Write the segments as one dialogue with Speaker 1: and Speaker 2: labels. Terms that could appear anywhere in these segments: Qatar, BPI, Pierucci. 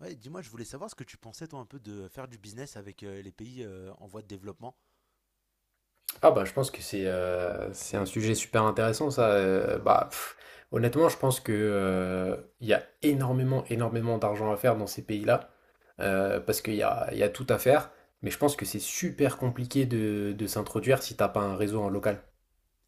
Speaker 1: Ouais, dis-moi, je voulais savoir ce que tu pensais toi un peu de faire du business avec les pays en voie de développement.
Speaker 2: Ah bah je pense que c'est un sujet super intéressant ça. Bah honnêtement je pense que il y a énormément énormément d'argent à faire dans ces pays-là, parce qu'il y a tout à faire. Mais je pense que c'est super compliqué de s'introduire si t'as pas un réseau en local.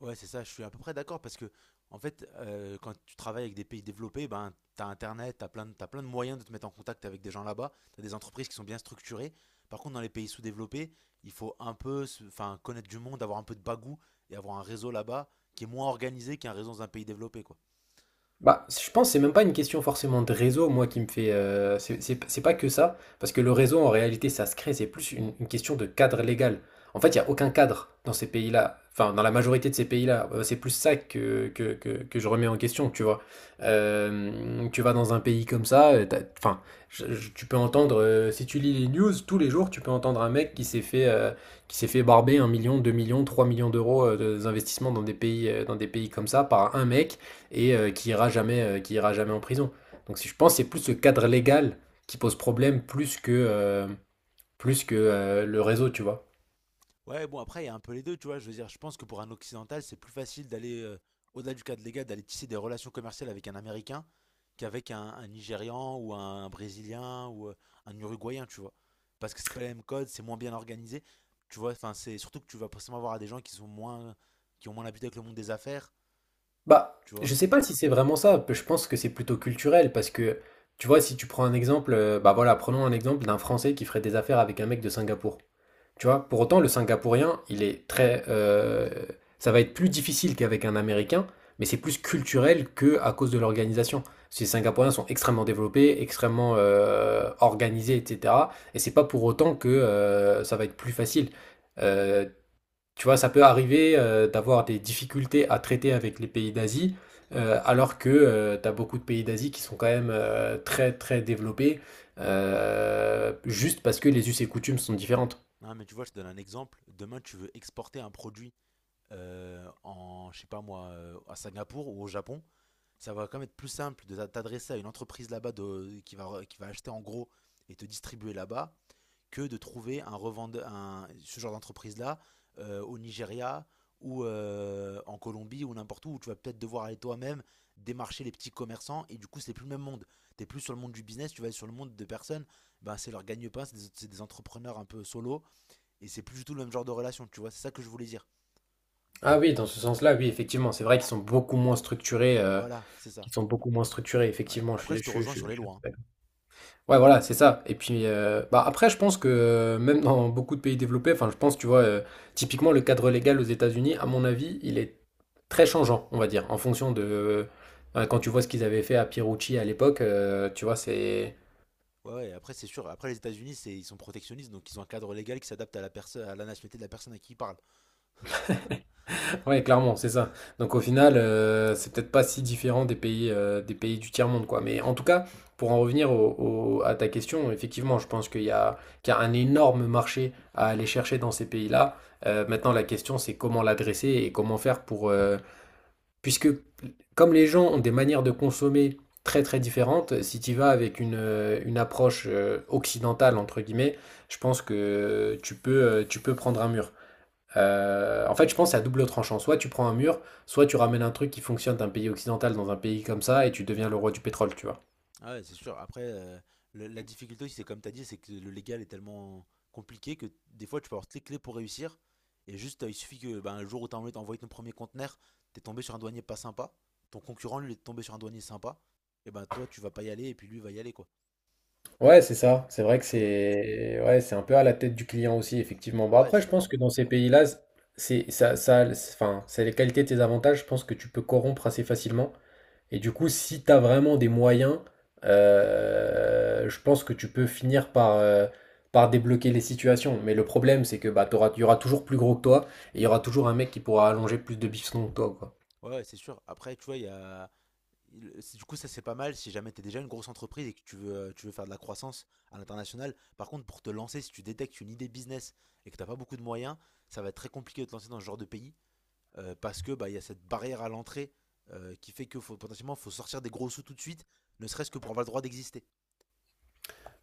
Speaker 1: Ouais, c'est ça, je suis à peu près d'accord parce que en fait, quand tu travailles avec des pays développés, ben t'as internet, t'as plein de moyens de te mettre en contact avec des gens là-bas, t'as des entreprises qui sont bien structurées. Par contre, dans les pays sous-développés, il faut un peu enfin connaître du monde, avoir un peu de bagou et avoir un réseau là-bas qui est moins organisé qu'un réseau dans un pays développé quoi.
Speaker 2: Bah, je pense que c'est même pas une question forcément de réseau, moi, qui me fait. C'est pas que ça, parce que le réseau, en réalité, ça se crée, c'est plus une question de cadre légal. En fait, il n'y a aucun cadre dans ces pays-là, enfin, dans la majorité de ces pays-là. C'est plus ça que je remets en question, tu vois. Tu vas dans un pays comme ça, enfin, tu peux entendre, si tu lis les news, tous les jours, tu peux entendre un mec qui s'est fait barber 1 million, 2 millions, 3 millions d'euros, d'investissement dans des pays comme ça par un mec et qui ira jamais en prison. Donc si je pense, c'est plus ce cadre légal qui pose problème plus que le réseau, tu vois.
Speaker 1: Ouais, bon après, il y a un peu les deux, tu vois, je veux dire, je pense que pour un occidental, c'est plus facile d'aller au-delà du cadre légal, d'aller tisser des relations commerciales avec un Américain qu'avec un Nigérian ou un Brésilien ou un Uruguayen, tu vois. Parce que c'est pas les mêmes codes, c'est moins bien organisé. Tu vois, enfin, c'est surtout que tu vas forcément avoir à des gens qui sont moins, qui ont moins l'habitude avec le monde des affaires,
Speaker 2: Bah,
Speaker 1: tu vois.
Speaker 2: je sais pas si c'est vraiment ça. Je pense que c'est plutôt culturel parce que, tu vois, si tu prends un exemple, bah voilà, prenons un exemple d'un Français qui ferait des affaires avec un mec de Singapour. Tu vois, pour autant, le Singapourien, il est très. Ça va être plus difficile qu'avec un Américain, mais c'est plus culturel que à cause de l'organisation. Ces Singapouriens sont extrêmement développés, extrêmement organisés, etc. Et c'est pas pour autant que ça va être plus facile. Euh, Tu vois, ça peut arriver d'avoir des difficultés à traiter avec les pays d'Asie, alors que tu as beaucoup de pays d'Asie qui sont quand même très très développés, juste parce que les us et coutumes sont différentes.
Speaker 1: Non, mais tu vois, je te donne un exemple. Demain, tu veux exporter un produit en, je sais pas moi, à Singapour ou au Japon. Ça va quand même être plus simple de t'adresser à une entreprise là-bas qui va acheter en gros et te distribuer là-bas que de trouver un revendeur, ce genre d'entreprise-là au Nigeria ou en Colombie ou n'importe où, où tu vas peut-être devoir aller toi-même démarcher les petits commerçants et du coup c'est plus le même monde. T'es plus sur le monde du business, tu vas être sur le monde de personnes, ben c'est leur gagne-pain, c'est des entrepreneurs un peu solo et c'est plus du tout le même genre de relation, tu vois, c'est ça que je voulais dire.
Speaker 2: Ah oui, dans ce sens-là, oui, effectivement, c'est vrai qu'ils sont beaucoup moins structurés,
Speaker 1: Voilà, c'est ça.
Speaker 2: ils sont beaucoup moins structurés,
Speaker 1: Ouais.
Speaker 2: effectivement, je
Speaker 1: Après je
Speaker 2: suis
Speaker 1: te
Speaker 2: je
Speaker 1: rejoins
Speaker 2: je
Speaker 1: sur les
Speaker 2: je suis
Speaker 1: lois,
Speaker 2: assez
Speaker 1: hein.
Speaker 2: d'accord. Ouais, voilà, c'est ça et puis, bah, après je pense que même dans beaucoup de pays développés, enfin je pense, tu vois, typiquement le cadre légal aux États-Unis, à mon avis, il est très changeant, on va dire, en fonction de, bah, quand tu vois ce qu'ils avaient fait à Pierucci à l'époque, tu vois, c'est.
Speaker 1: Ouais, ouais, après c'est sûr, après les États-Unis c'est, ils sont protectionnistes donc ils ont un cadre légal qui s'adapte à la personne, à la nationalité de la personne à qui ils parlent.
Speaker 2: Ouais, clairement, c'est ça. Donc au final, c'est peut-être pas si différent des pays du tiers-monde, quoi. Mais en tout cas, pour en revenir à ta question, effectivement, je pense qu'il y a un énorme marché à aller chercher dans ces pays-là. Maintenant, la question, c'est comment l'adresser et comment faire puisque comme les gens ont des manières de consommer très très différentes, si tu vas avec une approche occidentale, entre guillemets, je pense que tu peux prendre un mur. En fait, je pense que c'est à double tranchant. Soit tu prends un mur, soit tu ramènes un truc qui fonctionne d'un pays occidental dans un pays comme ça et tu deviens le roi du pétrole, tu vois.
Speaker 1: Ah ouais, c'est sûr. Après, la difficulté aussi, c'est comme tu as dit, c'est que le légal est tellement compliqué que des fois, tu peux avoir toutes les clés pour réussir. Et juste, il suffit que ben, le jour où tu as envie d'envoyer ton premier conteneur, tu es tombé sur un douanier pas sympa. Ton concurrent, lui, est tombé sur un douanier sympa. Et ben toi, tu vas pas y aller et puis lui va y aller, quoi.
Speaker 2: Ouais, c'est ça. C'est vrai que
Speaker 1: Tu vois?
Speaker 2: c'est, ouais, c'est un peu à la tête du client aussi, effectivement. Bon,
Speaker 1: Ouais,
Speaker 2: après, je
Speaker 1: c'est ça.
Speaker 2: pense que dans ces pays-là, c'est ça, enfin, c'est les qualités de tes avantages. Je pense que tu peux corrompre assez facilement. Et du coup, si tu as vraiment des moyens, je pense que tu peux finir par débloquer les situations. Mais le problème, c'est que bah, il y aura toujours plus gros que toi, et il y aura toujours un mec qui pourra allonger plus de bifton que toi, quoi.
Speaker 1: Ouais, ouais, c'est sûr. Après, tu vois, il y a... du coup, ça c'est pas mal si jamais t'es déjà une grosse entreprise et que tu veux faire de la croissance à l'international. Par contre, pour te lancer, si tu détectes une idée business et que t'as pas beaucoup de moyens, ça va être très compliqué de te lancer dans ce genre de pays parce que bah, il y a cette barrière à l'entrée qui fait que faut, potentiellement faut sortir des gros sous tout de suite, ne serait-ce que pour avoir le droit d'exister.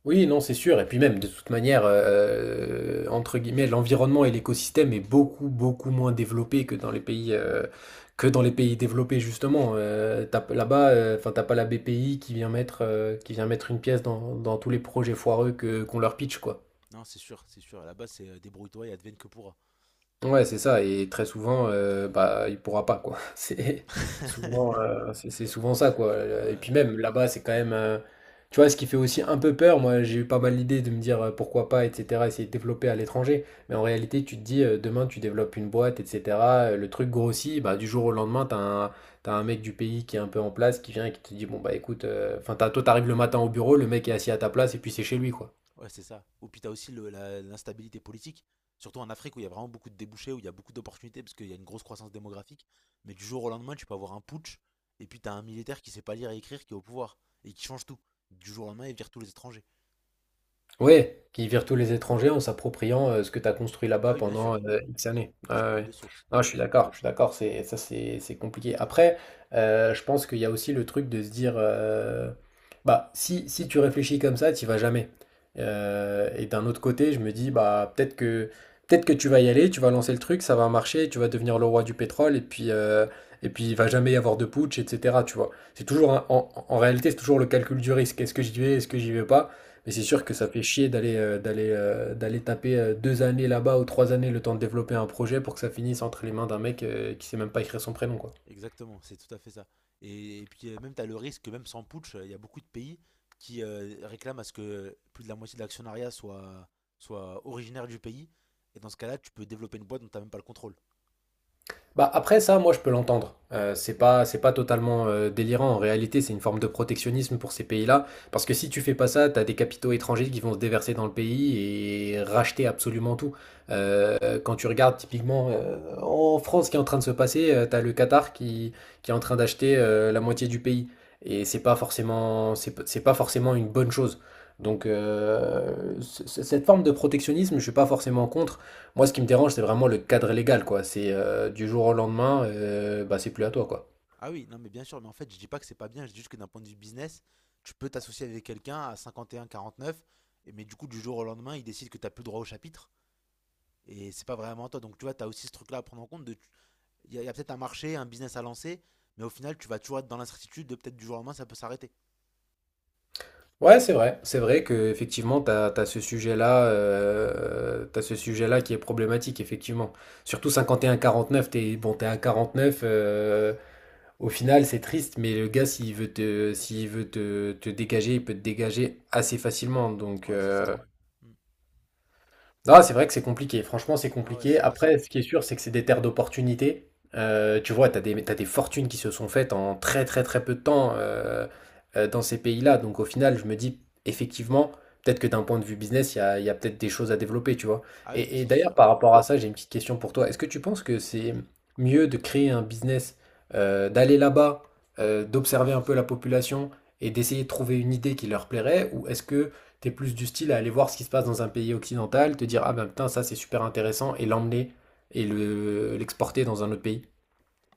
Speaker 2: Oui, non, c'est sûr. Et puis même, de toute manière, entre guillemets, l'environnement et l'écosystème est beaucoup, beaucoup moins développé que dans les pays développés, justement. Là-bas, enfin, t'as pas la BPI qui vient mettre une pièce dans tous les projets foireux qu'on leur pitch, quoi.
Speaker 1: Non, c'est sûr, c'est sûr. À la base, c'est débrouille-toi et advienne que pourra.
Speaker 2: Ouais, c'est ça et très souvent, bah, il pourra pas quoi. C'est souvent, c'est souvent ça quoi. Et puis
Speaker 1: Ouais.
Speaker 2: même là-bas, c'est quand même, tu vois, ce qui fait aussi un peu peur, moi, j'ai eu pas mal l'idée de me dire: «Pourquoi pas?» et cetera, essayer de développer à l'étranger. Mais en réalité, tu te dis, demain, tu développes une boîte et cetera, le truc grossit, bah, du jour au lendemain, t'as as un tu un mec du pays qui est un peu en place, qui vient et qui te dit: «Bon, bah, écoute», enfin, t'as toi, t'arrives le matin au bureau, le mec est assis à ta place et puis c'est chez lui quoi.
Speaker 1: Ouais, c'est ça. Ou puis t'as aussi l'instabilité politique, surtout en Afrique où il y a vraiment beaucoup de débouchés, où il y a beaucoup d'opportunités, parce qu'il y a une grosse croissance démographique. Mais du jour au lendemain, tu peux avoir un putsch, et puis t'as un militaire qui sait pas lire et écrire, qui est au pouvoir, et qui change tout. Du jour au lendemain, il vire tous les étrangers.
Speaker 2: Ouais, qui virent tous les étrangers en s'appropriant, ce que tu as construit
Speaker 1: Ah
Speaker 2: là-bas
Speaker 1: oui, bien
Speaker 2: pendant,
Speaker 1: sûr,
Speaker 2: X années. Ouais,
Speaker 1: ça
Speaker 2: ouais,
Speaker 1: coule de
Speaker 2: ouais.
Speaker 1: source.
Speaker 2: Non,
Speaker 1: Ouais,
Speaker 2: je suis d'accord, c'est ça, c'est compliqué. Après, je pense qu'il y a aussi le truc de se dire, bah, si tu réfléchis comme ça, tu y vas jamais. Et d'un autre côté, je me dis, bah, peut-être que tu vas y aller, tu vas lancer le truc, ça va marcher, tu vas devenir le roi du pétrole et puis il va jamais y avoir de putsch et cetera, tu vois? C'est toujours un en en réalité, c'est toujours le calcul du risque. Est-ce que j'y vais? Est-ce que j'y vais pas? Mais c'est
Speaker 1: c'est
Speaker 2: sûr
Speaker 1: ça.
Speaker 2: que ça fait chier d'aller taper 2 années là-bas ou 3 années le temps de développer un projet pour que ça finisse entre les mains d'un mec, qui sait même pas écrire son prénom, quoi.
Speaker 1: Exactement, c'est tout à fait ça. Et puis même t'as le risque, que même sans putsch, il y a beaucoup de pays qui réclament à ce que plus de la moitié de l'actionnariat soit originaire du pays. Et dans ce cas-là, tu peux développer une boîte dont t'as même pas le contrôle.
Speaker 2: Bah après ça, moi je peux l'entendre. C'est pas totalement délirant. En réalité, c'est une forme de protectionnisme pour ces pays-là. Parce que si tu fais pas ça, t'as des capitaux étrangers qui vont se déverser dans le pays et racheter absolument tout. Quand tu regardes typiquement en France ce qui est en train de se passer, t'as le Qatar qui est en train d'acheter la moitié du pays. Et c'est pas forcément, c'est pas forcément une bonne chose. Donc cette forme de protectionnisme, je suis pas forcément contre. Moi, ce qui me dérange, c'est vraiment le cadre légal, quoi. C'est, du jour au lendemain, bah, c'est plus à toi, quoi.
Speaker 1: Ah oui, non mais bien sûr, mais en fait je dis pas que c'est pas bien, je dis juste que d'un point de vue business, tu peux t'associer avec quelqu'un à 51-49, mais du coup du jour au lendemain il décide que t'as plus droit au chapitre, et c'est pas vraiment à toi. Donc tu vois, t'as aussi ce truc-là à prendre en compte, de, y a peut-être un marché, un business à lancer, mais au final tu vas toujours être dans l'incertitude de peut-être du jour au lendemain ça peut s'arrêter.
Speaker 2: Ouais, c'est vrai. C'est vrai que effectivement, t'as ce sujet-là qui est problématique, effectivement. Surtout 51-49, t'es bon, t'es à 49, au final, c'est triste, mais le gars, s'il veut te dégager, il peut te dégager assez facilement. Donc,
Speaker 1: Ouais, c'est ça. Hmm.
Speaker 2: ah, c'est vrai que c'est compliqué. Franchement, c'est
Speaker 1: Non ouais,
Speaker 2: compliqué.
Speaker 1: c'est pas
Speaker 2: Après,
Speaker 1: simple.
Speaker 2: ce qui est sûr, c'est que c'est des terres d'opportunités. Tu vois, t'as des fortunes qui se sont faites en très, très, très peu de temps, dans ces pays-là. Donc, au final, je me dis, effectivement, peut-être que d'un point de vue business, il y a peut-être des choses à développer, tu vois.
Speaker 1: Ah oui, mais
Speaker 2: Et
Speaker 1: c'est
Speaker 2: d'ailleurs,
Speaker 1: sûr.
Speaker 2: par rapport à ça, j'ai une petite question pour toi. Est-ce que tu penses que c'est mieux de créer un business, d'aller là-bas, d'observer un peu la population et d'essayer de trouver une idée qui leur plairait? Ou est-ce que t'es plus du style à aller voir ce qui se passe dans un pays occidental, te dire ah ben putain ça c'est super intéressant et l'emmener et le l'exporter dans un autre pays.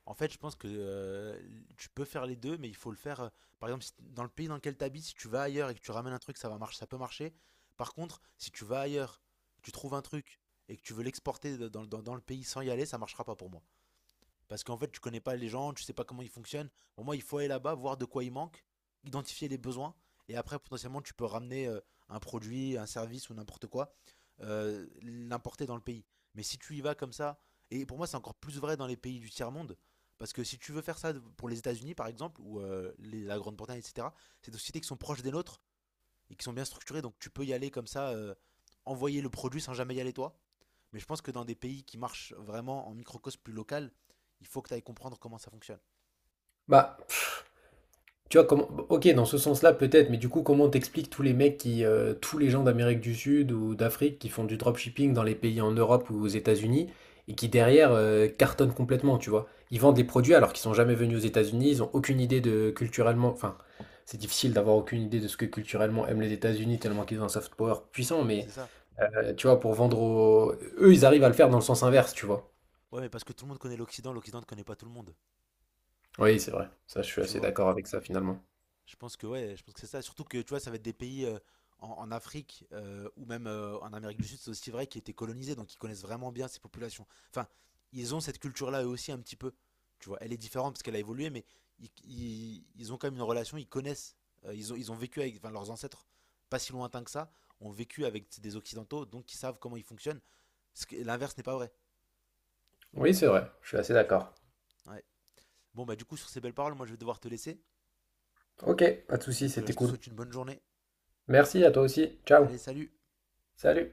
Speaker 1: En fait, je pense que tu peux faire les deux, mais il faut le faire. Par exemple, si t- dans le pays dans lequel tu habites, si tu vas ailleurs et que tu ramènes un truc, ça va marcher, ça peut marcher. Par contre, si tu vas ailleurs, tu trouves un truc et que tu veux l'exporter dans le pays sans y aller, ça marchera pas pour moi. Parce qu'en fait, tu connais pas les gens, tu sais pas comment ils fonctionnent. Pour moi, il faut aller là-bas, voir de quoi il manque, identifier les besoins, et après, potentiellement, tu peux ramener un produit, un service ou n'importe quoi, l'importer dans le pays. Mais si tu y vas comme ça, et pour moi, c'est encore plus vrai dans les pays du tiers-monde, parce que si tu veux faire ça pour les États-Unis, par exemple, ou la Grande-Bretagne, etc., c'est des sociétés qui sont proches des nôtres et qui sont bien structurées, donc tu peux y aller comme ça, envoyer le produit sans jamais y aller toi. Mais je pense que dans des pays qui marchent vraiment en microcosme plus local, il faut que tu ailles comprendre comment ça fonctionne.
Speaker 2: Bah tu vois comment, ok, dans ce sens-là peut-être, mais du coup comment t'expliques tous les gens d'Amérique du Sud ou d'Afrique qui font du dropshipping dans les pays en Europe ou aux États-Unis et qui derrière cartonnent complètement, tu vois. Ils vendent des produits alors qu'ils sont jamais venus aux États-Unis, ils ont aucune idée de culturellement, enfin c'est difficile d'avoir aucune idée de ce que culturellement aiment les États-Unis tellement qu'ils ont un soft power puissant, mais.
Speaker 1: C'est ça.
Speaker 2: Tu vois, eux, ils arrivent à le faire dans le sens inverse, tu vois.
Speaker 1: Ouais, mais parce que tout le monde connaît l'Occident, l'Occident ne connaît pas tout le monde.
Speaker 2: Oui, c'est vrai. Ça, je suis
Speaker 1: Tu
Speaker 2: assez
Speaker 1: vois.
Speaker 2: d'accord avec ça, finalement.
Speaker 1: Je pense que ouais, je pense que c'est ça. Surtout que tu vois, ça va être des pays en, en Afrique ou même en Amérique du Sud, c'est aussi vrai, qui étaient colonisés, donc ils connaissent vraiment bien ces populations. Enfin, ils ont cette culture-là eux aussi un petit peu. Tu vois, elle est différente parce qu'elle a évolué, mais ils ont quand même une relation, ils connaissent, ils ont vécu avec, enfin, leurs ancêtres, pas si lointains que ça, ont vécu avec des Occidentaux, donc ils savent comment ils fonctionnent. L'inverse n'est pas vrai,
Speaker 2: Oui, c'est vrai. Je suis assez
Speaker 1: tu vois.
Speaker 2: d'accord.
Speaker 1: Ouais. Bon bah du coup sur ces belles paroles, moi je vais devoir te laisser.
Speaker 2: Ok, pas de souci,
Speaker 1: Donc
Speaker 2: c'était
Speaker 1: je te
Speaker 2: cool.
Speaker 1: souhaite une bonne journée.
Speaker 2: Merci à toi aussi. Ciao.
Speaker 1: Allez, salut!
Speaker 2: Salut.